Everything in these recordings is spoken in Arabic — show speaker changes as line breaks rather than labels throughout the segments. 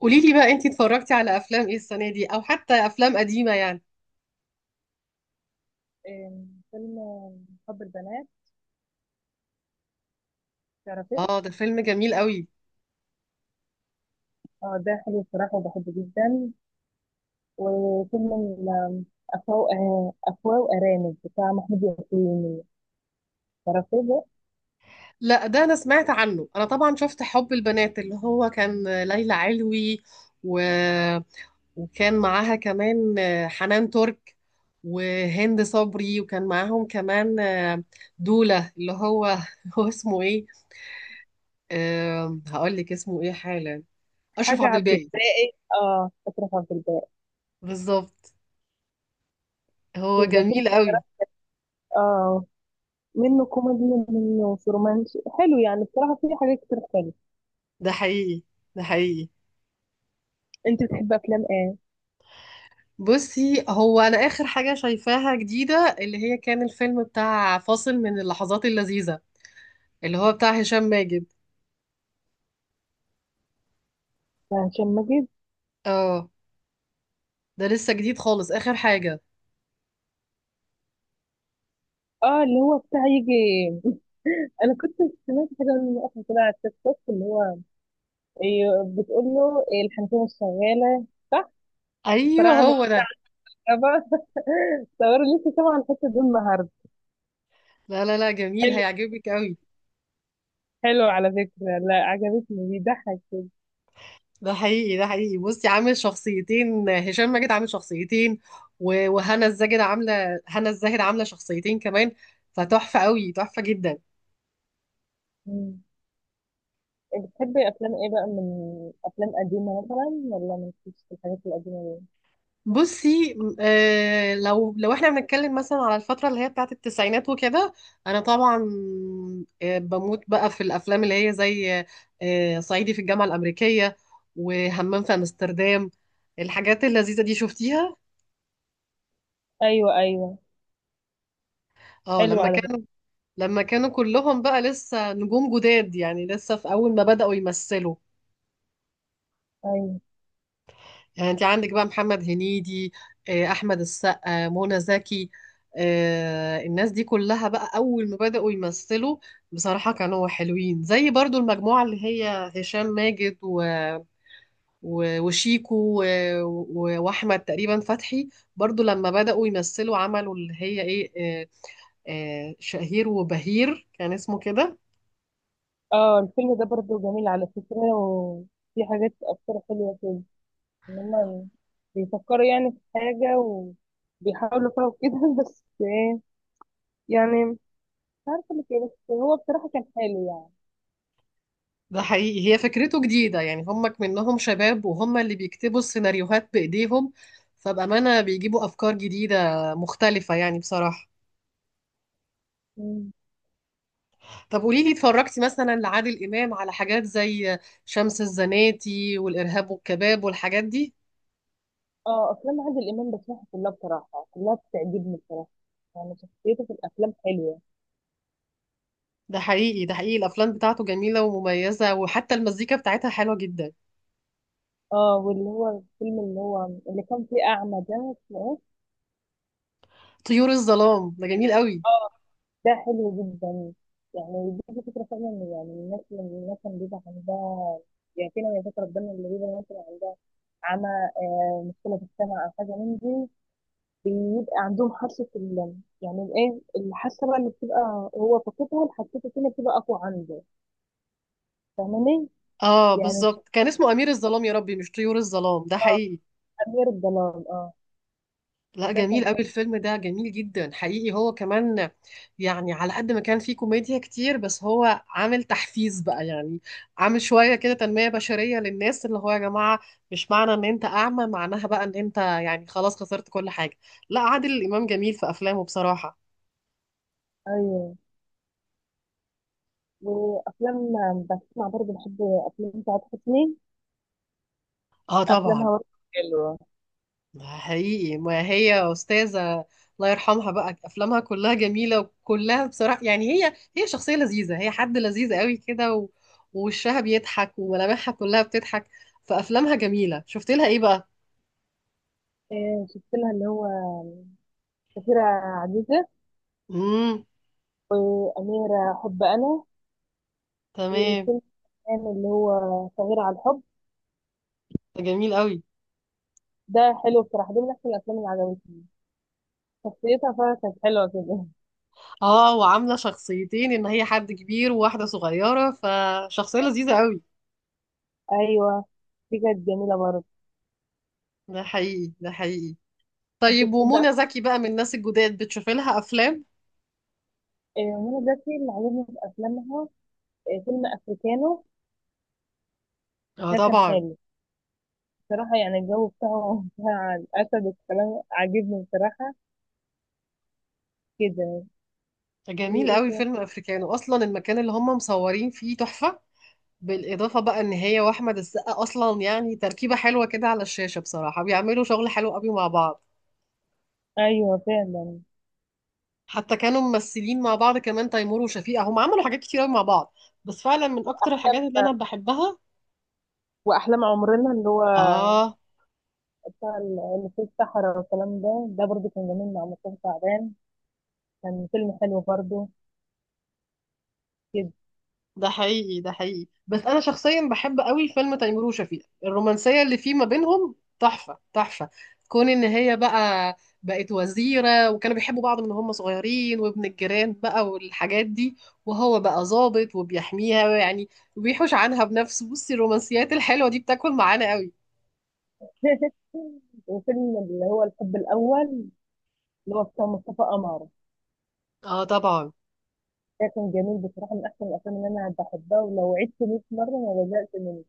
قولي لي بقى، انتي اتفرجتي على افلام ايه السنه دي او حتى افلام قديمه يعني؟
فيلم حب البنات. تعرفيه؟
اه، ده فيلم جميل قوي.
اه، ده حلو بصراحة وبحبه جدا. وفيلم أفواه وأرانب بتاع محمود ياسين، تعرفيه ده؟
لا، ده انا سمعت عنه. انا طبعا شفت حب البنات اللي هو كان ليلى علوي، و... وكان معاها كمان حنان ترك وهند صبري، وكان معاهم كمان دولة اللي هو هو اسمه ايه؟ هقول لك اسمه ايه حالا. اشرف
حاجة
عبد
عبد
الباقي.
الباقي، اه أشرف عبد الباقي.
بالظبط، هو
ده فيلم
جميل قوي.
بصراحة، اه، منه كوميدي، منه رومانسي حلو، يعني بصراحة فيه حاجات كتير حلوة.
ده حقيقي، ده حقيقي.
انت بتحب افلام ايه؟
بصي، هو انا اخر حاجه شايفاها جديده اللي هي كان الفيلم بتاع فاصل من اللحظات اللذيذه، اللي هو بتاع هشام ماجد.
بتاع هشام ماجد،
اه، ده لسه جديد خالص، اخر حاجه.
اه اللي هو بتاع يجي. انا كنت سمعت حاجة من وقت كده على التيك توك، اللي هو إيه، بتقول له إيه، الحنفية مش شغالة. صح.
ايوه،
الصراع عامل
هو ده.
كهرباء. صور لسه سامعة الحتة دي النهاردة.
لا لا لا، جميل
حلو.
هيعجبك قوي.
حلو على فكرة، لا عجبتني، بيضحك كده.
ده حقيقي، ده حقيقي. بصي، عامل شخصيتين، هشام ماجد عامل شخصيتين و- وهنا الزاهد عامله هنا الزاهد عامله شخصيتين كمان. فتحفه قوي، تحفه جدا.
مم. بتحبي أفلام إيه بقى؟ من أفلام قديمة مثلا، ولا مالكيش في الحاجات القديمة دي؟
بصي، لو احنا بنتكلم مثلا على الفترة اللي هي بتاعت التسعينات وكده. انا طبعا بموت بقى في الافلام اللي هي زي صعيدي في الجامعة الأمريكية، وهمام في امستردام. الحاجات اللذيذة دي شفتيها؟
أيوه أيوه.
اه،
حلو على فكرة.
لما كانوا كلهم بقى لسه نجوم جداد يعني، لسه في اول ما بدأوا يمثلوا.
أيوه.
يعني انت عندك بقى محمد هنيدي، احمد السقا، منى زكي، الناس دي كلها بقى اول ما بدأوا يمثلوا. بصراحة كانوا حلوين، زي برضو المجموعة اللي هي هشام ماجد وشيكو واحمد تقريبا فتحي. برضو لما بدأوا يمثلوا عملوا اللي هي ايه، آه، شهير وبهير كان اسمه كده.
اه، الفيلم ده برضه جميل على فكرة، وفي حاجات أفكار حلوة كده، إن هما بيفكروا يعني في حاجة وبيحاولوا فيها وكده. بس إيه يعني، مش عارفه اللي كده، بس هو بصراحه كان حلو يعني.
ده حقيقي، هي فكرته جديدة. يعني هم منهم شباب، وهم اللي بيكتبوا السيناريوهات بإيديهم، فبأمانة بيجيبوا أفكار جديدة مختلفة يعني بصراحة.
مم.
طب قولي لي، اتفرجتي مثلا لعادل إمام على حاجات زي شمس الزناتي والإرهاب والكباب والحاجات دي؟
اه، افلام عادل امام بسمعها كلها بصراحه، كلها بتعجبني بصراحه، يعني شخصيته في الافلام حلوه.
ده حقيقي، ده حقيقي. الأفلام بتاعته جميلة ومميزة، وحتى المزيكا بتاعتها حلوة جدا.
اه، واللي هو الفيلم اللي هو اللي كان فيه اعمى ده، اسمه ايه؟
طيور الظلام ده جميل قوي.
اه، ده حلو جدا. يعني دي فكره فعلا، إن يعني الناس اللي بيبقى عندها، يعني فينا يا فكره ربنا، اللي بيبقى مثلا عمى، آه، مشكله في السمع او حاجه من دي، بيبقى عندهم حاسه يعني ايه الحاسه بقى اللي بتبقى هو فاقدها، الحاسه التانيه بتبقى اقوى عنده. فاهماني
اه،
يعني؟
بالظبط، كان اسمه أمير الظلام يا ربي، مش طيور الظلام. ده
اه،
حقيقي.
أمير الضلال، اه.
لا،
ده
جميل
كان
قوي،
حلو.
الفيلم ده جميل جدا حقيقي هو كمان. يعني على قد ما كان فيه كوميديا كتير، بس هو عامل تحفيز بقى، يعني عامل شوية كده تنمية بشرية للناس، اللي هو يا جماعة، مش معنى ان انت اعمى معناها بقى ان انت يعني خلاص خسرت كل حاجة. لا، عادل الإمام جميل في أفلامه بصراحة.
أيوه، وأفلام، بسمع برضه، بحب أفلام سعاد حسني،
اه، طبعا.
أفلامها برضه حلوة.
ده حقيقي، ما هي أستاذة، الله يرحمها بقى. أفلامها كلها جميلة وكلها بصراحة، يعني هي شخصية لذيذة، هي حد لذيذ قوي كده، و- ووشها بيضحك وملامحها كلها بتضحك. فأفلامها جميلة. شفت لها إيه بقى؟
إيه شفت لها اللي هو سفيرة عزيزة،
امم.
وأميرة حب أنا،
تمام.
وفيلم كان اللي هو صغير على الحب.
ده جميل قوي.
ده حلو بصراحة، ده من أحسن الأفلام اللي عجبتني، شخصيتها فعلا كانت حلوة كده.
اه، وعاملة شخصيتين، إن هي حد كبير وواحدة صغيرة، فشخصية لذيذة قوي.
أيوه، دي كانت جميلة برضه.
ده حقيقي، ده حقيقي.
أنت
طيب،
بتحب
ومنى
أف-
زكي بقى من الناس الجداد، بتشوفي لها أفلام؟
إيه منى زكي اللي عجبني في أفلامها، إيه، فيلم أفريكانو.
اه،
ده كان
طبعا.
حلو بصراحة، يعني الجو بتاعهم بتاع الأسد والكلام عاجبني بصراحة جدا.
جميل
وإيه
قوي
تاني؟
فيلم افريكانو، اصلا المكان اللي هم مصورين فيه تحفة. بالاضافة بقى ان هي واحمد السقا اصلا يعني تركيبة حلوة كده على الشاشة، بصراحة بيعملوا شغل حلو قوي مع بعض.
أيوة فعلا.
حتى كانوا ممثلين مع بعض كمان. تيمور وشفيقة هم عملوا حاجات كتير قوي مع بعض، بس فعلا من اكتر الحاجات اللي انا بحبها.
وأحلام عمرنا، اللي هو
اه.
بتاع اللي في الصحراء والكلام ده، ده برضه كان جميل مع مصطفى شعبان، كان فيلم حلو برضه جدا.
ده حقيقي، ده حقيقي. بس انا شخصيا بحب قوي فيلم تيمور وشفيقة، الرومانسيه اللي فيه ما بينهم تحفه تحفه. كون ان هي بقى بقت وزيره، وكانوا بيحبوا بعض من هم صغيرين، وابن الجيران بقى والحاجات دي، وهو بقى ضابط وبيحميها يعني، وبيحوش عنها بنفسه. بصي، الرومانسيات الحلوه دي بتاكل معانا قوي.
وفيلم اللي هو الحب الأول، اللي هو بتاع مصطفى قمر،
اه، طبعا.
ده كان جميل بصراحة، من أحسن الأفلام اللي أنا بحبها، ولو عدت 100 مرة ما بزهقش منه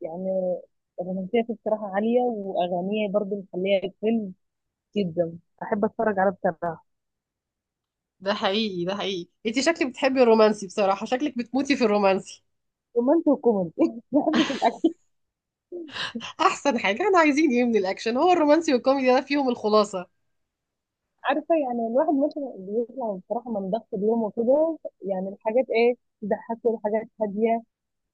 يعني. الرومانسية فيه بصراحة عالية، وأغانيه برضه مخليها الفيلم جدا أحب أتفرج عليه بصراحة.
ده حقيقي، ده حقيقي. انت شكلك بتحبي الرومانسي، بصراحه شكلك بتموتي في الرومانسي.
رومانسي وكوميدي. بحب في الاكل.
احسن حاجه، احنا عايزين ايه من الاكشن؟ هو الرومانسي والكوميدي ده فيهم الخلاصه.
عارفه يعني، الواحد مثلا بيطلع بصراحه من ضغط اليوم وكده، يعني الحاجات ايه، تضحكه، الحاجات هاديه.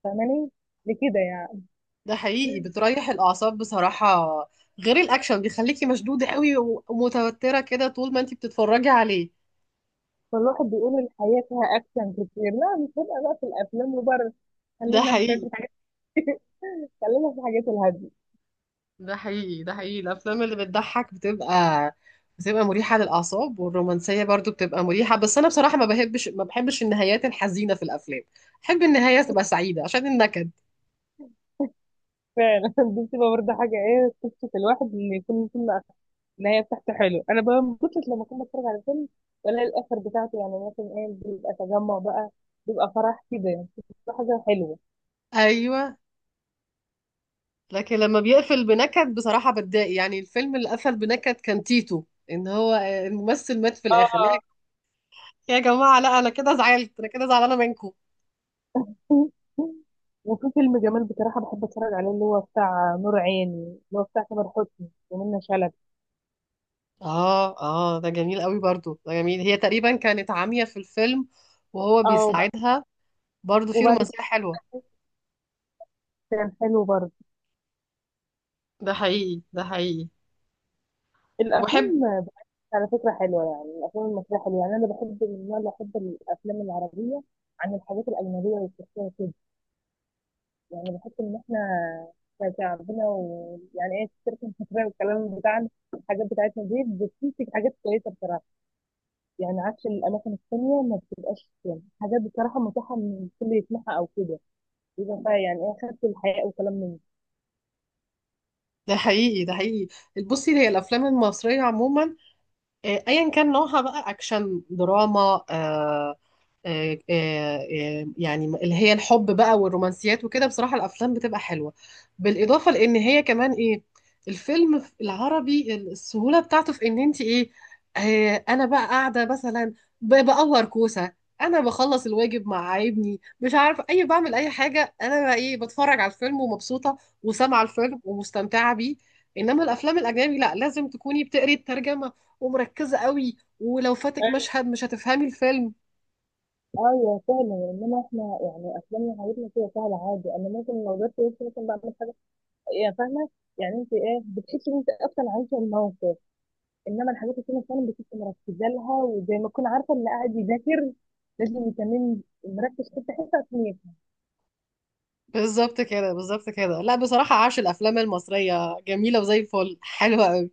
فاهماني لكده يعني؟
ده حقيقي، بتريح الأعصاب بصراحة. غير الأكشن بيخليكي مشدودة قوي و- ومتوترة كده طول ما انتي بتتفرجي عليه.
فالواحد بيقول الحياه فيها اكشن كتير، لا مش هبقى بقى في الافلام وبره،
ده
خلينا في
حقيقي،
الحاجات، خلينا في الحاجات الهاديه.
ده حقيقي، ده حقيقي. الأفلام اللي بتضحك بتبقى مريحة للأعصاب، والرومانسية برضو بتبقى مريحة. بس أنا بصراحة ما بحبش ما بحبش النهايات الحزينة في الأفلام، بحب النهاية تبقى سعيدة عشان النكد.
فعلا. دي بتبقى برضه حاجه ايه، تبسط الواحد ان يكون فيلم النهايه بتاعته حلو. انا بقى ما كنتش، لما كنت بتفرج على فيلم ولا الاخر بتاعته، يعني مثلا ايه بيبقى تجمع بقى، بيبقى فرح كده يعني، بتبقى حاجه حلوه.
أيوة. لكن لما بيقفل بنكد بصراحة بتضايق. يعني الفيلم اللي قفل بنكد كان تيتو، إن هو الممثل مات في الآخر.
اه،
يا جماعة لا، أنا كده زعلت، أنا كده زعلانة منكم.
وفي فيلم جمال بصراحة بحب اتفرج عليه، اللي هو بتاع نور عيني، اللي هو بتاع تامر حسني ومنى شلبي.
آه آه، ده جميل قوي برضو، ده جميل. هي تقريبا كانت عامية في الفيلم وهو
اه، وبعد،
بيساعدها. برضو في
وبعد كده،
رومانسية حلوة.
كان حلو برضه.
ده حقيقي، ده حقيقي. وحب.
الافلام على فكرة حلوة، يعني الافلام المصرية حلوة، يعني انا بحب من النوع اللي، احب الافلام العربية عن الحاجات الاجنبية والتركية كده، يعني بحس ان احنا كشعبنا، ويعني ايه التركي المصرية والكلام بتاعنا، الحاجات بتاعتنا دي بتنتج حاجات كويسة بصراحة، يعني عكس الاماكن التانية، ما بتبقاش يعني حاجات بصراحة متاحة ان الكل يسمعها او كده، يبقى بقى يعني ايه خدت الحياء وكلام من ده.
ده حقيقي، ده حقيقي. بصي، هي الأفلام المصرية عموما، أيا كان نوعها بقى أكشن دراما، يعني اللي هي الحب بقى والرومانسيات وكده، بصراحة الأفلام بتبقى حلوة. بالإضافة لأن هي كمان إيه، الفيلم في العربي السهولة بتاعته في إن أنت إيه، أنا بقى قاعدة مثلا بقور كوسة، أنا بخلص الواجب مع ابني مش عارف أي بعمل أي حاجة. أنا بقى إيه، بتفرج على الفيلم ومبسوطة وسامعة الفيلم ومستمتعة بيه. إنما الأفلام الأجنبي لأ، لازم تكوني بتقري الترجمة ومركزة قوي، ولو فاتك مشهد مش هتفهمي الفيلم.
ايوه فعلا، انما احنا يعني افلامنا حياتنا كده سهله عادي، انا ممكن لو جبت وش مثلا بعمل حاجه، يا فاهمه، يعني انت ايه بتحسي ان انت اصلا عايشه الموقف. انما الحاجات اللي فعلا بتبقي مركزه لها، وزي ما تكون عارفه اللي قاعد يذاكر، لازم يكون مركز في حته عشان يفهم.
بالظبط كده، بالظبط كده. لا بصراحة عاش، الأفلام المصرية جميلة وزي الفل حلوة أوي.